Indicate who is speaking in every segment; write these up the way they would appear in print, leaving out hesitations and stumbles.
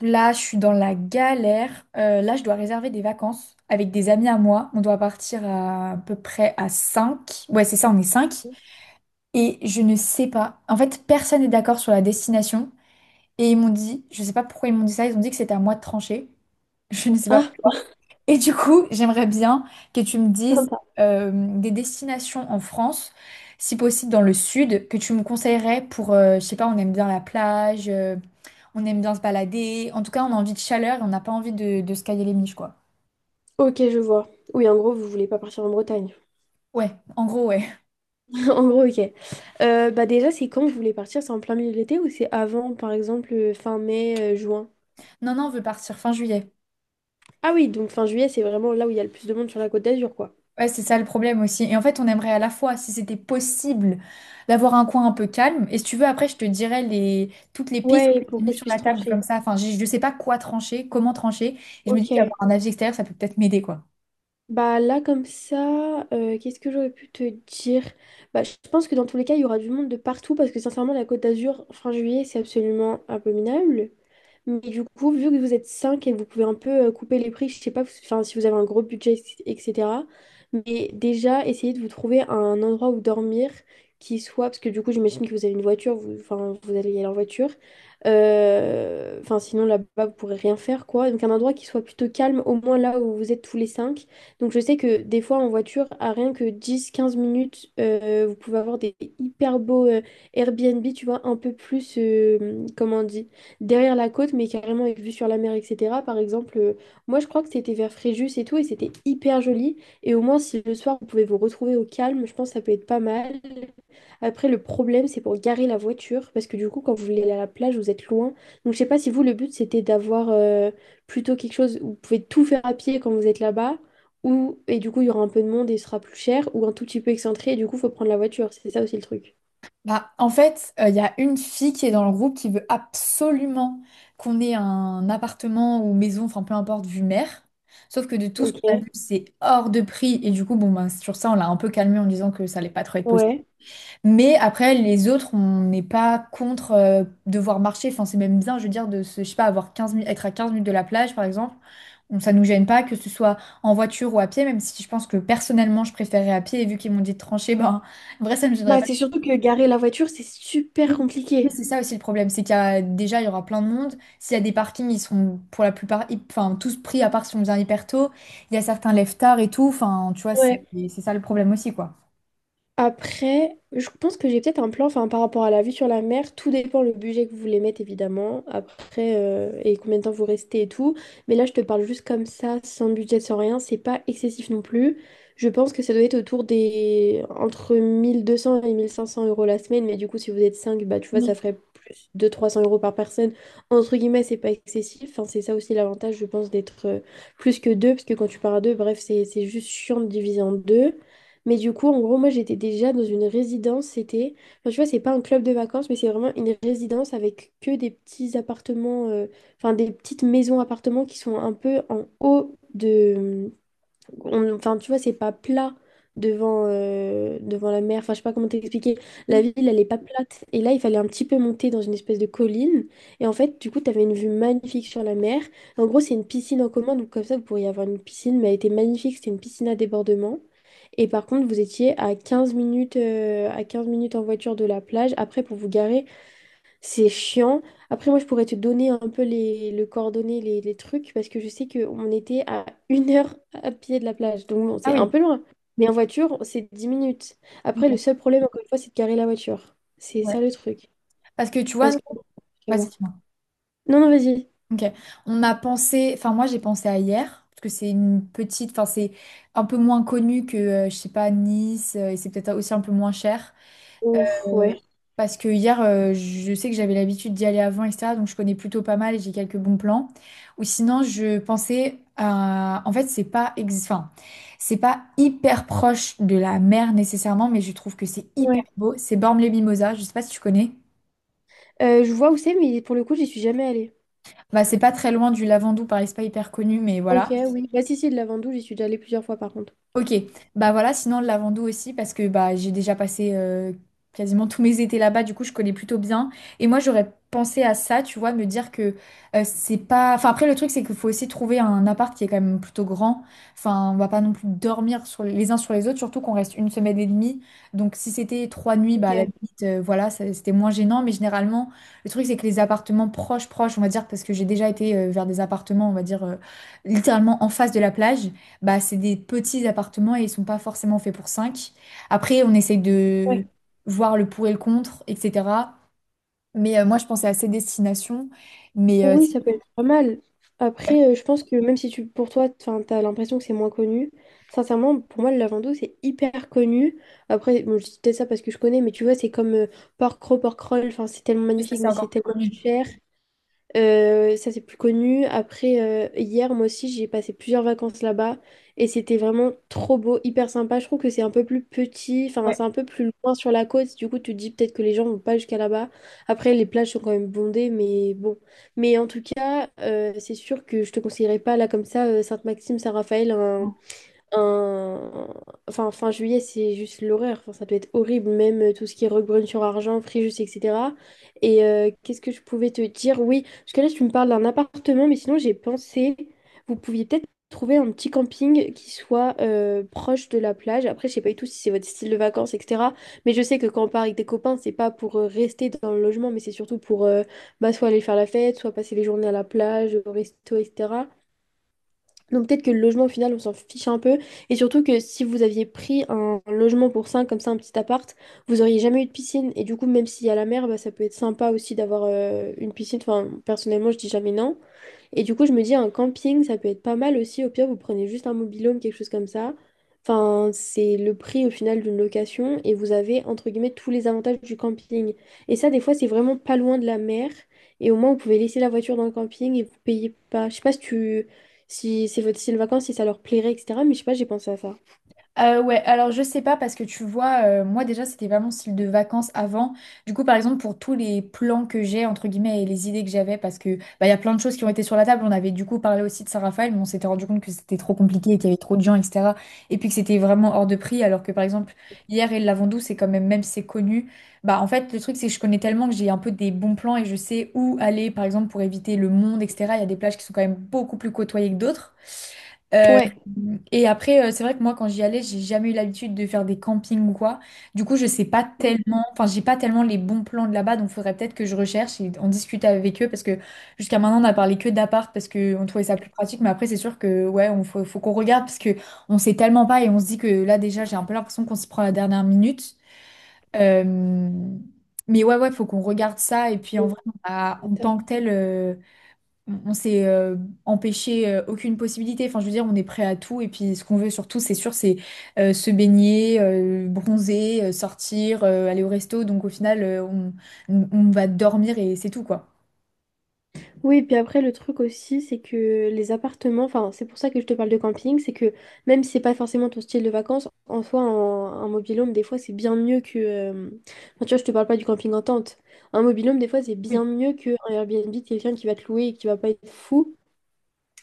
Speaker 1: Là, je suis dans la galère. Là, je dois réserver des vacances avec des amis à moi. On doit partir à peu près à 5. Ouais, c'est ça, on est cinq. Et je ne sais pas. En fait, personne n'est d'accord sur la destination. Et ils m'ont dit, je sais pas pourquoi ils m'ont dit ça, ils ont dit que c'était à moi de trancher. Je ne sais pas
Speaker 2: Ah,
Speaker 1: pourquoi. Et du coup, j'aimerais bien que tu me dises
Speaker 2: sympa.
Speaker 1: euh, des destinations en France, si possible dans le sud, que tu me conseillerais pour, je sais pas, on aime bien la plage, on aime bien se balader. En tout cas, on a envie de chaleur et on n'a pas envie de se cailler les miches, quoi.
Speaker 2: Ok, je vois. Oui, en gros, vous voulez pas partir en Bretagne.
Speaker 1: Ouais, en gros, ouais.
Speaker 2: En gros, ok. Bah déjà, c'est quand vous voulez partir? C'est en plein milieu de l'été ou c'est avant, par exemple, fin mai, juin?
Speaker 1: Non, non, on veut partir fin juillet.
Speaker 2: Ah oui, donc fin juillet, c'est vraiment là où il y a le plus de monde sur la Côte d'Azur, quoi.
Speaker 1: Ouais, c'est ça le problème aussi. Et en fait, on aimerait à la fois, si c'était possible, d'avoir un coin un peu calme. Et si tu veux, après, je te dirais toutes les pistes
Speaker 2: Ouais, pour que
Speaker 1: mises
Speaker 2: je
Speaker 1: sur
Speaker 2: puisse
Speaker 1: la table comme
Speaker 2: trancher.
Speaker 1: ça. Enfin, je ne sais pas quoi trancher, comment trancher. Et je me dis
Speaker 2: Ok.
Speaker 1: qu'avoir un avis extérieur, ça peut peut-être m'aider, quoi.
Speaker 2: Bah là, comme ça, qu'est-ce que j'aurais pu te dire? Bah, je pense que dans tous les cas, il y aura du monde de partout parce que sincèrement, la Côte d'Azur, fin juillet, c'est absolument abominable. Mais du coup, vu que vous êtes 5 et que vous pouvez un peu couper les prix, je sais pas enfin, si vous avez un gros budget, etc. Mais déjà, essayez de vous trouver un endroit où dormir qui soit, parce que du coup, j'imagine que vous avez une voiture, vous, enfin, vous allez y aller en voiture. Enfin, sinon, là-bas, vous pourrez rien faire, quoi. Donc, un endroit qui soit plutôt calme, au moins là où vous êtes tous les cinq. Donc, je sais que des fois, en voiture, à rien que 10 15 minutes, vous pouvez avoir des hyper beaux Airbnb, tu vois, un peu plus, comment on dit? Derrière la côte, mais carrément avec vue sur la mer, etc. Par exemple, moi je crois que c'était vers Fréjus et tout, et c'était hyper joli. Et au moins, si le soir vous pouvez vous retrouver au calme, je pense que ça peut être pas mal. Après, le problème, c'est pour garer la voiture, parce que du coup, quand vous voulez aller à la plage, vous êtes loin. Donc, je sais pas si vous, le but, c'était d'avoir plutôt quelque chose où vous pouvez tout faire à pied quand vous êtes là-bas, ou et du coup, il y aura un peu de monde et ce sera plus cher, ou un tout petit peu excentré, et du coup, il faut prendre la voiture. C'est ça aussi le truc.
Speaker 1: Bah, en fait, il y a une fille qui est dans le groupe qui veut absolument qu'on ait un appartement ou maison, enfin peu importe, vue mer. Sauf que de tout ce qu'on
Speaker 2: Ok,
Speaker 1: a vu, c'est hors de prix. Et du coup, bon, bah, sur ça, on l'a un peu calmé en disant que ça allait pas trop être possible.
Speaker 2: ouais.
Speaker 1: Mais après, les autres, on n'est pas contre devoir marcher. Enfin, c'est même bien, je veux dire, de se, je sais pas, avoir 15 minutes, être à 15 minutes de la plage, par exemple. Ça nous gêne pas, que ce soit en voiture ou à pied, même si je pense que personnellement, je préférais à pied. Et vu qu'ils m'ont dit de trancher, ben, en vrai, ça me gênerait.
Speaker 2: Bah, c'est surtout que garer la voiture, c'est
Speaker 1: Oui,
Speaker 2: super
Speaker 1: oui,
Speaker 2: compliqué.
Speaker 1: c'est ça aussi le problème, c'est qu'il y a déjà il y aura plein de monde. S'il y a des parkings, ils sont pour la plupart, enfin tous pris à part si on vient hyper tôt. Il y a certains lève tard et tout. Enfin, tu vois, c'est
Speaker 2: Ouais.
Speaker 1: c'est ça le problème aussi quoi.
Speaker 2: Après, je pense que j'ai peut-être un plan, enfin, par rapport à la vue sur la mer, tout dépend le budget que vous voulez mettre, évidemment, après, et combien de temps vous restez et tout. Mais là, je te parle juste comme ça, sans budget, sans rien, c'est pas excessif non plus. Je pense que ça doit être autour des... entre 1200 et 1500 euros la semaine, mais du coup, si vous êtes 5 bah, tu vois, ça
Speaker 1: Mais-
Speaker 2: ferait plus de 300 euros par personne. Entre guillemets, c'est pas excessif, enfin, c'est ça aussi l'avantage, je pense, d'être plus que deux, parce que quand tu pars à deux, bref, c'est juste chiant de diviser en deux. Mais du coup, en gros, moi, j'étais déjà dans une résidence. C'était, enfin, tu vois, c'est pas un club de vacances, mais c'est vraiment une résidence avec que des petits appartements, enfin, des petites maisons-appartements qui sont un peu en haut de enfin, tu vois, c'est pas plat devant la mer. Enfin, je sais pas comment t'expliquer. La ville, elle est pas plate. Et là, il fallait un petit peu monter dans une espèce de colline. Et en fait, du coup, t'avais une vue magnifique sur la mer. En gros, c'est une piscine en commun. Donc, comme ça, vous pourriez avoir une piscine, mais elle était magnifique. C'était une piscine à débordement. Et par contre, vous étiez à quinze minutes en voiture de la plage. Après, pour vous garer, c'est chiant. Après, moi, je pourrais te donner un peu les, le coordonnées, les trucs, parce que je sais qu'on était à 1 heure à pied de la plage. Donc, bon,
Speaker 1: Ah
Speaker 2: c'est un
Speaker 1: oui.
Speaker 2: peu loin. Mais en voiture, c'est 10 minutes. Après, le
Speaker 1: Ok.
Speaker 2: seul problème, encore une fois, c'est de garer la voiture. C'est
Speaker 1: Ouais.
Speaker 2: ça le truc.
Speaker 1: Parce que tu vois,
Speaker 2: Parce que... je vais
Speaker 1: vas-y,
Speaker 2: voir.
Speaker 1: dis-moi.
Speaker 2: Non, non, vas-y.
Speaker 1: Ok. On a pensé, enfin moi j'ai pensé à hier parce que c'est une petite, enfin c'est un peu moins connu que je sais pas Nice, et c'est peut-être aussi un peu moins cher.
Speaker 2: Ouf,
Speaker 1: Euh,
Speaker 2: ouais.
Speaker 1: parce que hier, je sais que j'avais l'habitude d'y aller avant, etc. Donc je connais plutôt pas mal et j'ai quelques bons plans. Ou sinon, je pensais à... En fait, c'est pas, enfin, c'est pas hyper proche de la mer nécessairement, mais je trouve que c'est hyper
Speaker 2: Ouais.
Speaker 1: beau. C'est Bormes-les-Mimosas, je sais pas si tu connais.
Speaker 2: Je vois où c'est, mais pour le coup, j'y suis jamais allée.
Speaker 1: Bah, c'est pas très loin du Lavandou, pareil, c'est pas hyper connu, mais
Speaker 2: Ok,
Speaker 1: voilà.
Speaker 2: oui. Bah, si, si, de la Ventouse, j'y suis déjà allée plusieurs fois, par contre.
Speaker 1: Ok, bah voilà, sinon le Lavandou aussi, parce que bah, j'ai déjà passé quasiment tous mes étés là-bas, du coup je connais plutôt bien. Et moi j'aurais pensé à ça, tu vois, me dire que c'est pas... Enfin après le truc c'est qu'il faut aussi trouver un appart qui est quand même plutôt grand. Enfin on va pas non plus dormir sur les uns sur les autres, surtout qu'on reste une semaine et demie. Donc si c'était trois nuits,
Speaker 2: Ok,
Speaker 1: bah à la limite, voilà, c'était moins gênant. Mais généralement le truc c'est que les appartements proches, proches, on va dire, parce que j'ai déjà été vers des appartements, on va dire, littéralement en face de la plage. Bah, c'est des petits appartements et ils sont pas forcément faits pour cinq. Après, on essaye
Speaker 2: ouais.
Speaker 1: de voir le pour et le contre, etc. Mais moi, je pensais à ces destinations. Mais euh,
Speaker 2: Oui,
Speaker 1: c'est-
Speaker 2: ça peut être pas mal. Après, je pense que même si tu, pour toi, enfin, t'as l'impression que c'est moins connu, sincèrement, pour moi, le lavando, c'est hyper connu. Après, bon, je dis peut-être ça parce que je connais, mais tu vois, c'est comme porc roll, enfin, c'est tellement
Speaker 1: ouais, ça,
Speaker 2: magnifique,
Speaker 1: c'est
Speaker 2: mais c'est
Speaker 1: encore plus
Speaker 2: tellement
Speaker 1: connu.
Speaker 2: cher. Ça, c'est plus connu. Après, hier, moi aussi, j'ai passé plusieurs vacances là-bas et c'était vraiment trop beau, hyper sympa. Je trouve que c'est un peu plus petit, enfin,
Speaker 1: Ouais.
Speaker 2: c'est un peu plus loin sur la côte. Du coup, tu te dis peut-être que les gens vont pas jusqu'à là-bas. Après, les plages sont quand même bondées, mais bon. Mais en tout cas, c'est sûr que je te conseillerais pas, là, comme ça, Sainte-Maxime, Saint-Raphaël, un- enfin, fin juillet, c'est juste l'horreur. Enfin, ça peut être horrible, même tout ce qui est Roquebrune-sur-Argent, Fréjus, etc. Et qu'est-ce que je pouvais te dire? Oui, parce que là, tu me parles d'un appartement, mais sinon, j'ai pensé, vous pouviez peut-être trouver un petit camping qui soit proche de la plage. Après, je sais pas du tout si c'est votre style de vacances, etc. Mais je sais que quand on part avec des copains, c'est pas pour rester dans le logement, mais c'est surtout pour bah, soit aller faire la fête, soit passer les journées à la plage, au resto, etc. Donc peut-être que le logement au final on s'en fiche un peu et surtout que si vous aviez pris un logement pour 5 comme ça un petit appart, vous auriez jamais eu de piscine et du coup même s'il y a la mer bah, ça peut être sympa aussi d'avoir une piscine. Enfin personnellement je dis jamais non et du coup, je me dis, un camping, ça peut être pas mal aussi. Au pire, vous prenez juste un mobil-home, quelque chose comme ça. Enfin, c'est le prix au final d'une location et vous avez, entre guillemets, tous les avantages du camping. Et ça, des fois, c'est vraiment pas loin de la mer. Et au moins, vous pouvez laisser la voiture dans le camping et vous payez pas. Je sais pas si c'est votre style de vacances, si ça leur plairait, etc. Mais je sais pas, j'ai pensé à ça.
Speaker 1: Ouais, alors je sais pas parce que tu vois, moi déjà c'était pas mon style de vacances avant. Du coup, par exemple, pour tous les plans que j'ai, entre guillemets, et les idées que j'avais, parce que bah, il y a plein de choses qui ont été sur la table. On avait du coup parlé aussi de Saint-Raphaël, mais on s'était rendu compte que c'était trop compliqué et qu'il y avait trop de gens, etc. Et puis que c'était vraiment hors de prix. Alors que par exemple, hier et le Lavandou, c'est quand même, même si c'est connu, bah en fait, le truc c'est que je connais tellement que j'ai un peu des bons plans et je sais où aller, par exemple, pour éviter le monde, etc. Il y a des plages qui sont quand même beaucoup plus côtoyées que d'autres. Euh,
Speaker 2: Ouais.
Speaker 1: et après, c'est vrai que moi, quand j'y allais, j'ai jamais eu l'habitude de faire des campings ou quoi. Du coup, je sais pas tellement, enfin, j'ai pas tellement les bons plans de là-bas, donc faudrait peut-être que je recherche et on discute avec eux parce que jusqu'à maintenant, on a parlé que d'appart parce qu'on trouvait ça plus pratique. Mais après, c'est sûr que, ouais, faut qu'on regarde parce que on sait tellement pas et on se dit que là, déjà, j'ai un peu l'impression qu'on s'y prend à la dernière minute. Euh, mais ouais, ouais, faut qu'on regarde ça et puis en vrai, en tant que tel. On s'est, empêché aucune possibilité. Enfin, je veux dire, on est prêt à tout. Et puis, ce qu'on veut surtout, c'est sûr, c'est se baigner, bronzer, sortir, aller au resto. Donc, au final, on va dormir et c'est tout, quoi.
Speaker 2: Oui, puis après, le truc aussi, c'est que les appartements, enfin, c'est pour ça que je te parle de camping, c'est que même si c'est pas forcément ton style de vacances, en soi, un mobil-home, des fois, c'est bien mieux que. Enfin, tu vois, je te parle pas du camping en tente. Un mobil-home, des fois, c'est bien
Speaker 1: Oui.
Speaker 2: mieux qu'un Airbnb de quelqu'un qui va te louer et qui va pas être fou.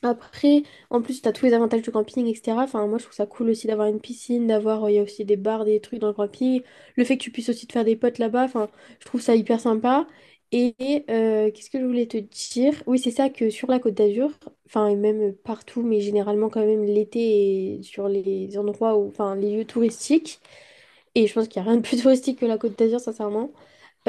Speaker 2: Après, en plus, t'as tous les avantages du camping, etc. Enfin, moi, je trouve ça cool aussi d'avoir une piscine, d'avoir, il y a aussi des bars, des trucs dans le camping. Le fait que tu puisses aussi te faire des potes là-bas, enfin, je trouve ça hyper sympa. Et qu'est-ce que je voulais te dire? Oui, c'est ça que sur la Côte d'Azur, enfin, et même partout, mais généralement quand même l'été et sur les endroits où, enfin, les lieux touristiques. Et je pense qu'il n'y a rien de plus touristique que la Côte d'Azur, sincèrement.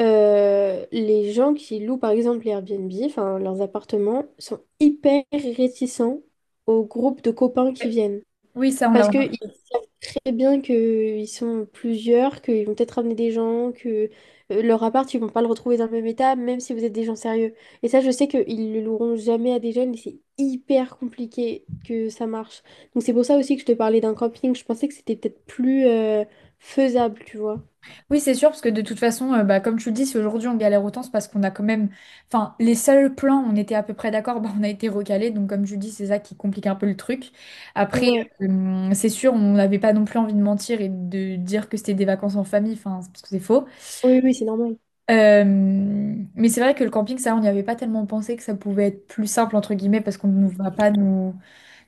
Speaker 2: Les gens qui louent par exemple les Airbnb, enfin leurs appartements, sont hyper réticents aux groupes de copains qui viennent.
Speaker 1: Oui, ça, on
Speaker 2: Parce
Speaker 1: l'a.
Speaker 2: que ils savent très bien qu'ils sont plusieurs, qu'ils vont peut-être ramener des gens, que leur appart, ils vont pas le retrouver dans le même état, même si vous êtes des gens sérieux. Et ça, je sais qu'ils le loueront jamais à des jeunes et c'est hyper compliqué que ça marche. Donc c'est pour ça aussi que je te parlais d'un camping. Je pensais que c'était peut-être plus faisable, tu vois.
Speaker 1: Oui, c'est sûr, parce que de toute façon, bah, comme tu le dis, si aujourd'hui on galère autant, c'est parce qu'on a quand même. Enfin, les seuls plans, on était à peu près d'accord, bah, on a été recalés. Donc, comme tu dis, c'est ça qui complique un peu le truc. Après,
Speaker 2: Ouais,
Speaker 1: c'est sûr, on n'avait pas non plus envie de mentir et de dire que c'était des vacances en famille, enfin, c'est parce que c'est faux.
Speaker 2: oui, oui, c'est normal.
Speaker 1: Mais c'est vrai que le camping, ça, on n'y avait pas tellement pensé que ça pouvait être plus simple, entre guillemets, parce qu'on ne va pas nous,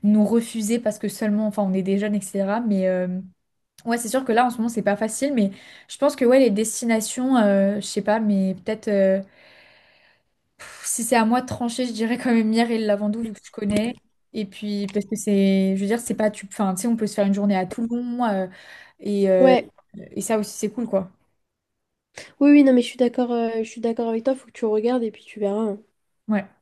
Speaker 1: nous refuser parce que seulement, enfin, on est des jeunes, etc. Ouais, c'est sûr que là, en ce moment, c'est pas facile, mais je pense que ouais, les destinations, je sais pas, mais peut-être si c'est à moi de trancher, je dirais quand même Myre et le Lavandou, vu que je connais. Et puis, parce que c'est, je veux dire, c'est pas, enfin, tu sais, on peut se faire une journée à Toulon, et, euh,
Speaker 2: Ouais,
Speaker 1: et ça aussi, c'est cool, quoi.
Speaker 2: oui, oui, non, mais je suis d'accord avec toi, faut que tu regardes et puis tu verras, hein.
Speaker 1: Ouais.